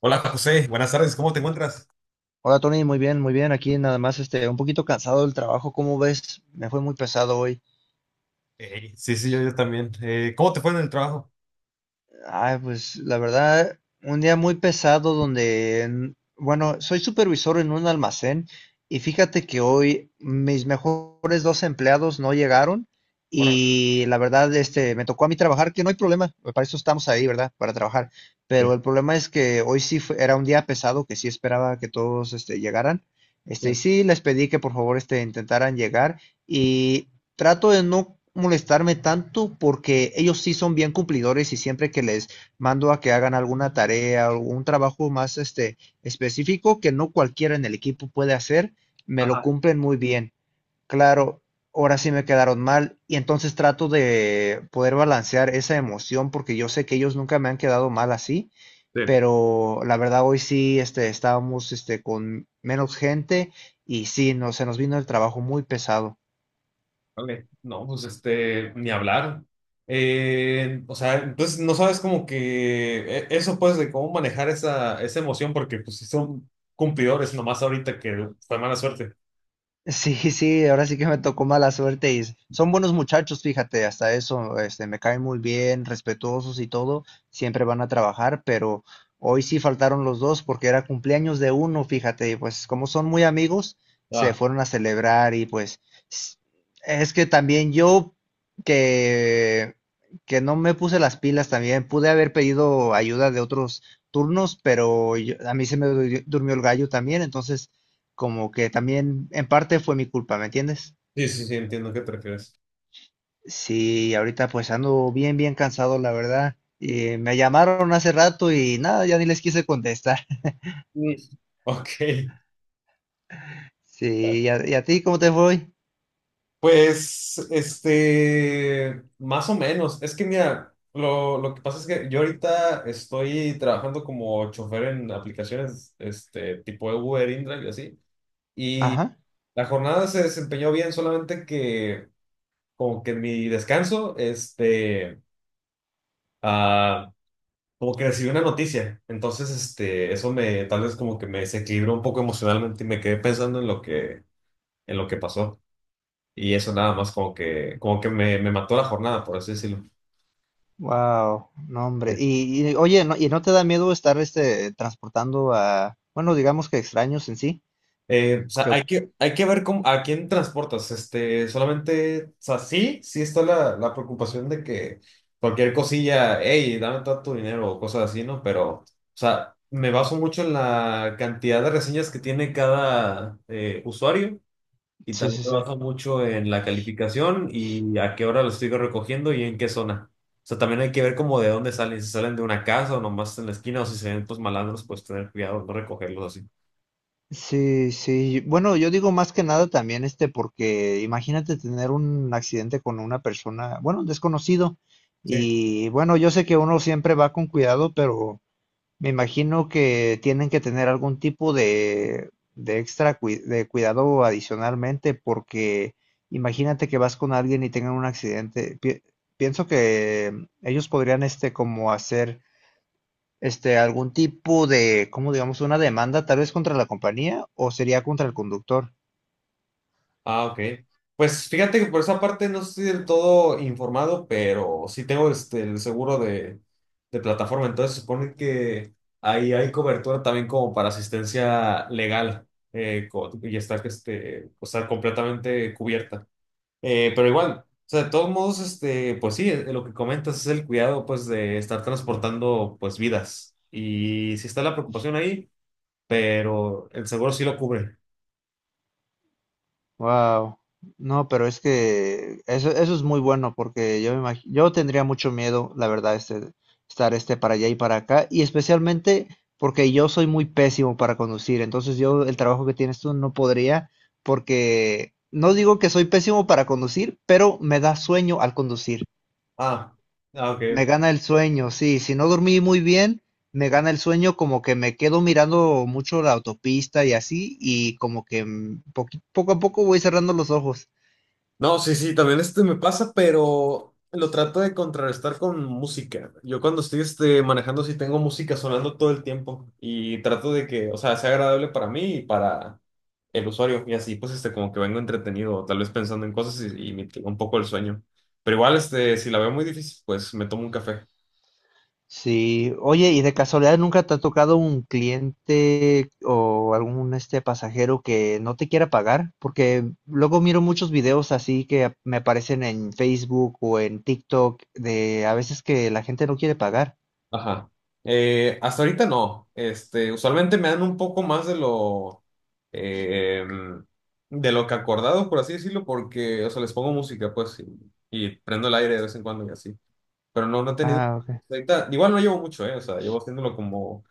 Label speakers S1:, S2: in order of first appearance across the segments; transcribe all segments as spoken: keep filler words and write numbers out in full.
S1: Hola José, buenas tardes, ¿cómo te encuentras?
S2: Hola Tony, muy bien, muy bien. Aquí nada más, este, un poquito cansado del trabajo, ¿cómo ves? Me fue muy pesado hoy.
S1: Ey, sí, sí, yo, yo también. Eh, ¿cómo te fue en el trabajo?
S2: Ay, pues la verdad, un día muy pesado donde, en- bueno, soy supervisor en un almacén y fíjate que hoy mis mejores dos empleados no llegaron
S1: Órale.
S2: y la verdad, este, me tocó a mí trabajar, que no hay problema, para eso estamos ahí, ¿verdad? Para trabajar.
S1: Sí,
S2: Pero el problema es que hoy sí fue- era un día pesado que sí esperaba que todos, este, llegaran.
S1: sí,
S2: Este, y sí les pedí que por favor, este, intentaran llegar. Trato de no molestarme tanto porque ellos sí son bien cumplidores y siempre que les mando a que hagan alguna tarea o un trabajo más este específico que no cualquiera en el equipo puede hacer, me lo
S1: ajá,
S2: cumplen muy bien. Claro, ahora sí me quedaron mal y entonces trato de poder balancear esa emoción porque yo sé que ellos nunca me han quedado mal así,
S1: sí.
S2: pero la verdad hoy sí este estábamos este con menos gente y sí, no, se nos vino el trabajo muy pesado.
S1: Vale. No, pues este, ni hablar. Eh, o sea, entonces no sabes como que eh, eso pues de cómo manejar esa, esa emoción porque pues sí son cumplidores nomás ahorita que fue mala suerte.
S2: Sí, sí, ahora sí que me tocó mala suerte y s- son buenos muchachos, fíjate, hasta eso, este, me caen muy bien, respetuosos y todo, siempre van a trabajar, pero hoy sí faltaron los dos porque era cumpleaños de uno, fíjate, y pues como son muy amigos, se
S1: Ah,
S2: fueron a celebrar y pues s- es que también yo que que no me puse las pilas también, pude haber pedido ayuda de otros turnos, pero yo- a mí se me du- durmió el gallo también, entonces como que también en parte fue mi culpa, ¿me entiendes?
S1: sí, sí, sí, entiendo a qué te refieres.
S2: Sí, ahorita pues ando bien, bien cansado, la verdad. Eh, me llamaron hace rato y nada, ya ni les quise contestar.
S1: Mm. Ok.
S2: Sí, ¿y a, y a ti cómo te fue?
S1: Pues, este, más o menos. Es que mira, lo, lo que pasa es que yo ahorita estoy trabajando como chofer en aplicaciones, este, tipo Uber, InDrive y así. Y
S2: Ajá.
S1: la jornada se desempeñó bien, solamente que como que en mi descanso, este, ah, como que recibí una noticia. Entonces, este, eso me, tal vez como que me desequilibró un poco emocionalmente y me quedé pensando en lo que, en lo que pasó. Y eso nada más como que, como que me, me mató la jornada, por así decirlo.
S2: Wow, no hombre.
S1: Sí.
S2: Y, y, oye, no, ¿y no te da miedo estar este transportando a, bueno, digamos que extraños en sí?
S1: Eh, o sea,
S2: Que,
S1: hay que, hay que ver cómo, a quién transportas. Este, solamente, o sea, sí, sí está la, la preocupación de que cualquier cosilla, hey, dame todo tu dinero o cosas así, ¿no? Pero, o sea, me baso mucho en la cantidad de reseñas que tiene cada eh, usuario y
S2: sí,
S1: también
S2: sí,
S1: me
S2: sí.
S1: baso mucho en la calificación y a qué hora lo estoy recogiendo y en qué zona. O sea, también hay que ver como de dónde salen, si salen de una casa o nomás en la esquina o si se ven pues malandros, pues tener cuidado, no recogerlos así.
S2: Sí, sí. Bueno, yo digo más que nada también este, porque imagínate tener un accidente con una persona, bueno, un desconocido. Y bueno, yo sé que uno siempre va con cuidado, pero me imagino que tienen que tener algún tipo de, de extra cui- de cuidado adicionalmente, porque imagínate que vas con alguien y tengan un accidente. Pi- pienso que ellos podrían este como hacer este, algún tipo de, ¿cómo digamos? Una demanda tal vez contra la compañía o sería contra el conductor.
S1: Ah, ok. Pues fíjate que por esa parte no estoy del todo informado, pero sí tengo este, el seguro de, de plataforma. Entonces supone que ahí hay cobertura también como para asistencia legal eh, co- y está, este, o sea, completamente cubierta. Eh, pero igual, o sea, de todos modos, este, pues sí, eh, lo que comentas es el cuidado pues de estar transportando pues vidas. Y sí está la preocupación ahí, pero el seguro sí lo cubre.
S2: Wow. No, pero es que eso, eso es muy bueno porque yo me imag- yo tendría mucho miedo, la verdad, este, estar este para allá y para acá y especialmente porque yo soy muy pésimo para conducir, entonces yo el trabajo que tienes tú no podría porque no digo que soy pésimo para conducir, pero me da sueño al conducir.
S1: Ah, ah,
S2: Me
S1: ok.
S2: gana el sueño, sí. Si no dormí muy bien, me gana el sueño como que me quedo mirando mucho la autopista y así, y como que mm, poqui- poco a poco voy cerrando los ojos.
S1: No, sí, sí, también este me pasa, pero lo trato de contrarrestar con música. Yo cuando estoy este, manejando sí tengo música sonando todo el tiempo y trato de que, o sea, sea agradable para mí y para el usuario y así pues este como que vengo entretenido, tal vez pensando en cosas y, y me mitigo un poco el sueño. Pero igual este si la veo muy difícil, pues me tomo un café.
S2: Sí, oye, ¿y de casualidad nunca te ha tocado un cliente o algún este pasajero que no te quiera pagar? Porque luego miro muchos videos así que ap- me aparecen en Facebook o en TikTok de a veces que la gente no quiere pagar.
S1: Ajá. Eh, hasta ahorita no. Este, usualmente me dan un poco más de lo eh, em, de lo que acordado, por así decirlo, porque, o sea, les pongo música, pues, y, y prendo el aire de vez en cuando y así. Pero no, no he tenido.
S2: Ah, ok.
S1: Hasta ahorita, igual no llevo mucho, ¿eh? O sea, llevo haciéndolo como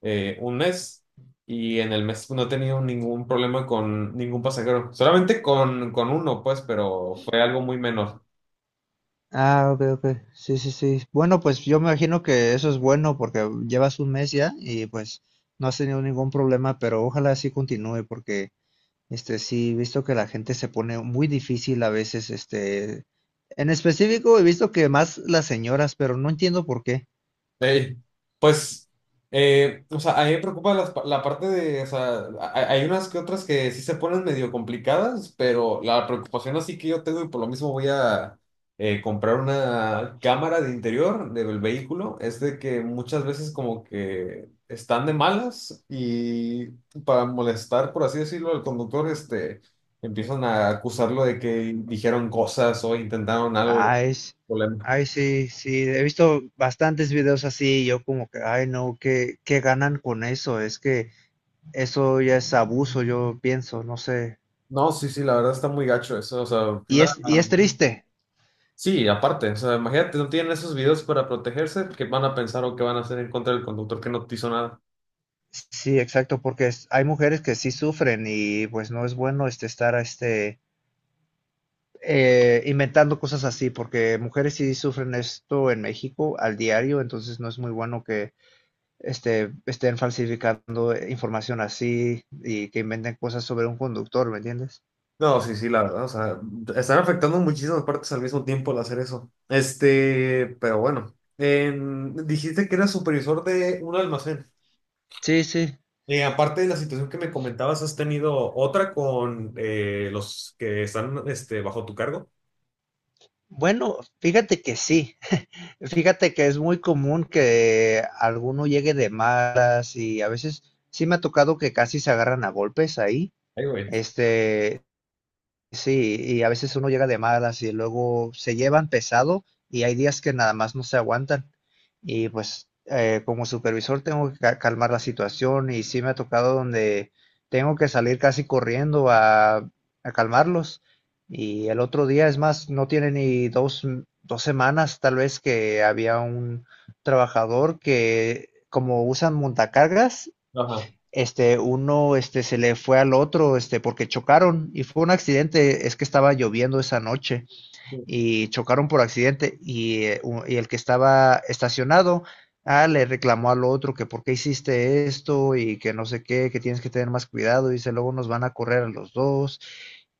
S1: eh, un mes y en el mes no he tenido ningún problema con ningún pasajero. Solamente con, con uno, pues, pero fue algo muy menor.
S2: Ah, ok, ok. Sí, sí, sí. Bueno, pues yo me imagino que eso es bueno porque llevas un mes ya y pues no has tenido ningún problema, pero ojalá así continúe porque, este, sí, he visto que la gente se pone muy difícil a veces, este, en específico he visto que más las señoras, pero no entiendo por qué.
S1: Ey, pues, eh, o sea, a mí me preocupa las pa- la parte de, o sea, ha- hay unas que otras que sí se ponen medio complicadas, pero la preocupación así que yo tengo y por lo mismo voy a eh, comprar una cámara de interior del vehículo, es de que muchas veces como que están de malas y para molestar, por así decirlo, al conductor, este, empiezan a acusarlo de que dijeron cosas o intentaron algo. Y
S2: Ay, s- ay, sí, sí, he visto bastantes videos así y yo como que, ay, no, ¿qué, qué ganan con eso? Es que eso ya es abuso, yo pienso, no sé.
S1: no, sí, sí, la verdad está muy gacho eso, o sea,
S2: Y
S1: nada,
S2: es, y es
S1: nada.
S2: triste.
S1: Sí, aparte, o sea, imagínate, no tienen esos videos para protegerse, ¿que van a pensar o que van a hacer en contra del conductor que no te hizo nada?
S2: Sí, exacto, porque es- hay mujeres que sí sufren y pues no es bueno este estar este eh, inventando cosas así, porque mujeres sí sufren esto en México al diario, entonces no es muy bueno que este estén falsificando información así y que inventen cosas sobre un conductor, ¿me entiendes?
S1: No, sí, sí, la verdad, o sea, están afectando muchísimas partes al mismo tiempo al hacer eso. Este, pero bueno, en- dijiste que eras supervisor de un almacén.
S2: Sí, sí.
S1: Y aparte de la situación que me comentabas, ¿has tenido otra con eh, los que están este, bajo tu cargo?
S2: Bueno, fíjate que sí. Fíjate que es muy común que alguno llegue de malas y a veces sí me ha tocado que casi se agarran a golpes ahí.
S1: Ay, güey.
S2: Este, Sí, y a veces uno llega de malas y luego se llevan pesado y hay días que nada más no se aguantan. Y pues eh, como supervisor tengo que ca- calmar la situación y sí me ha tocado donde tengo que salir casi corriendo a, a calmarlos. Y el otro día, es más, no tiene ni dos, m- dos semanas tal vez que había un trabajador que como usan montacargas,
S1: Ajá.
S2: este, uno este, se le fue al otro este, porque chocaron y fue un accidente, es que estaba lloviendo esa noche y chocaron por accidente y, eh, y el que estaba estacionado ah, le reclamó al otro que por qué hiciste esto y que no sé qué, que tienes que tener más cuidado, dice luego nos van a correr a los dos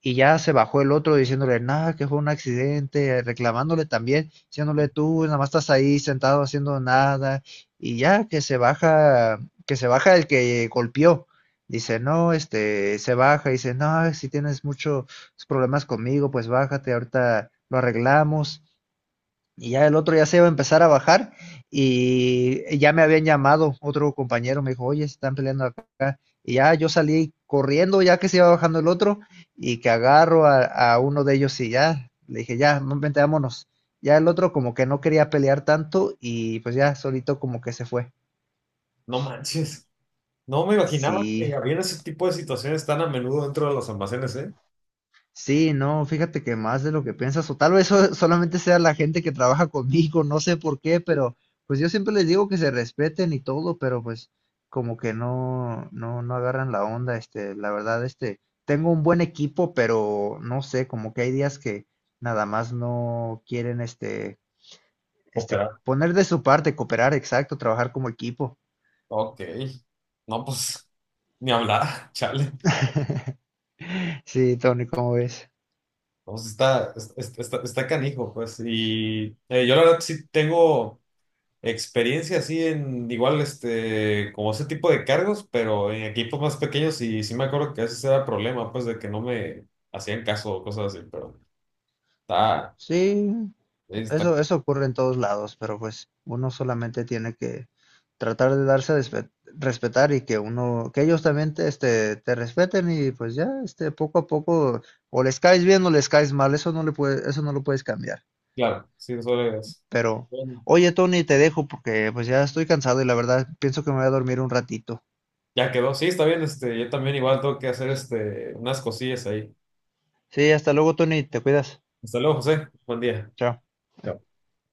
S2: y ya se bajó el otro diciéndole nada, que fue un accidente, reclamándole también, diciéndole tú nada más estás ahí sentado haciendo nada y ya que se baja, que se baja el que golpeó. Dice, no, este, se baja, y dice, no, si tienes mucho, tus problemas conmigo, pues bájate, ahorita lo arreglamos. Y ya el otro ya se iba a empezar a bajar y ya me habían llamado otro compañero, me dijo, oye, se están peleando acá. Y ya yo salí corriendo ya que se iba bajando el otro y que agarro a, a uno de ellos y ya le dije, ya, no, vente, vámonos. Ya el otro como que no quería pelear tanto y pues ya solito como que se fue.
S1: No manches. No me imaginaba que
S2: Sí,
S1: había ese tipo de situaciones tan a menudo dentro de los almacenes, ¿eh?
S2: sí, no, fíjate que más de lo que piensas, o tal vez so- solamente sea la gente que trabaja conmigo, no sé por qué, pero pues yo siempre les digo que se respeten y todo, pero pues como que no, no, no agarran la onda, este, la verdad, este, tengo un buen equipo, pero no sé, como que hay días que nada más no quieren, este, este,
S1: Operar.
S2: poner de su parte, cooperar, exacto, trabajar como equipo.
S1: Ok. No, pues, ni hablar, chale.
S2: Sí, Tony, ¿cómo ves?
S1: No, pues está, es- está, está canijo, pues. Y eh, yo la verdad sí tengo experiencia así en igual, este, como ese tipo de cargos, pero en equipos más pequeños y sí me acuerdo que ese era problema, pues, de que no me hacían caso o cosas así, pero está,
S2: Sí,
S1: está,
S2: Eso, eso ocurre en todos lados, pero pues uno solamente tiene que tratar de darse a despe- respetar y que uno, que ellos también te, este, te respeten y pues ya, este, poco a poco, o les caes bien o les caes mal, eso no le puede, eso no lo puedes cambiar.
S1: claro, sí, eso es.
S2: Pero, oye, Tony, te dejo porque pues ya estoy cansado y la verdad pienso que me voy a dormir un ratito.
S1: Ya quedó, sí, está bien, este, yo también igual tengo que hacer este, unas cosillas ahí.
S2: Sí, hasta luego, Tony, te cuidas.
S1: Hasta luego, José, buen día.
S2: Chao.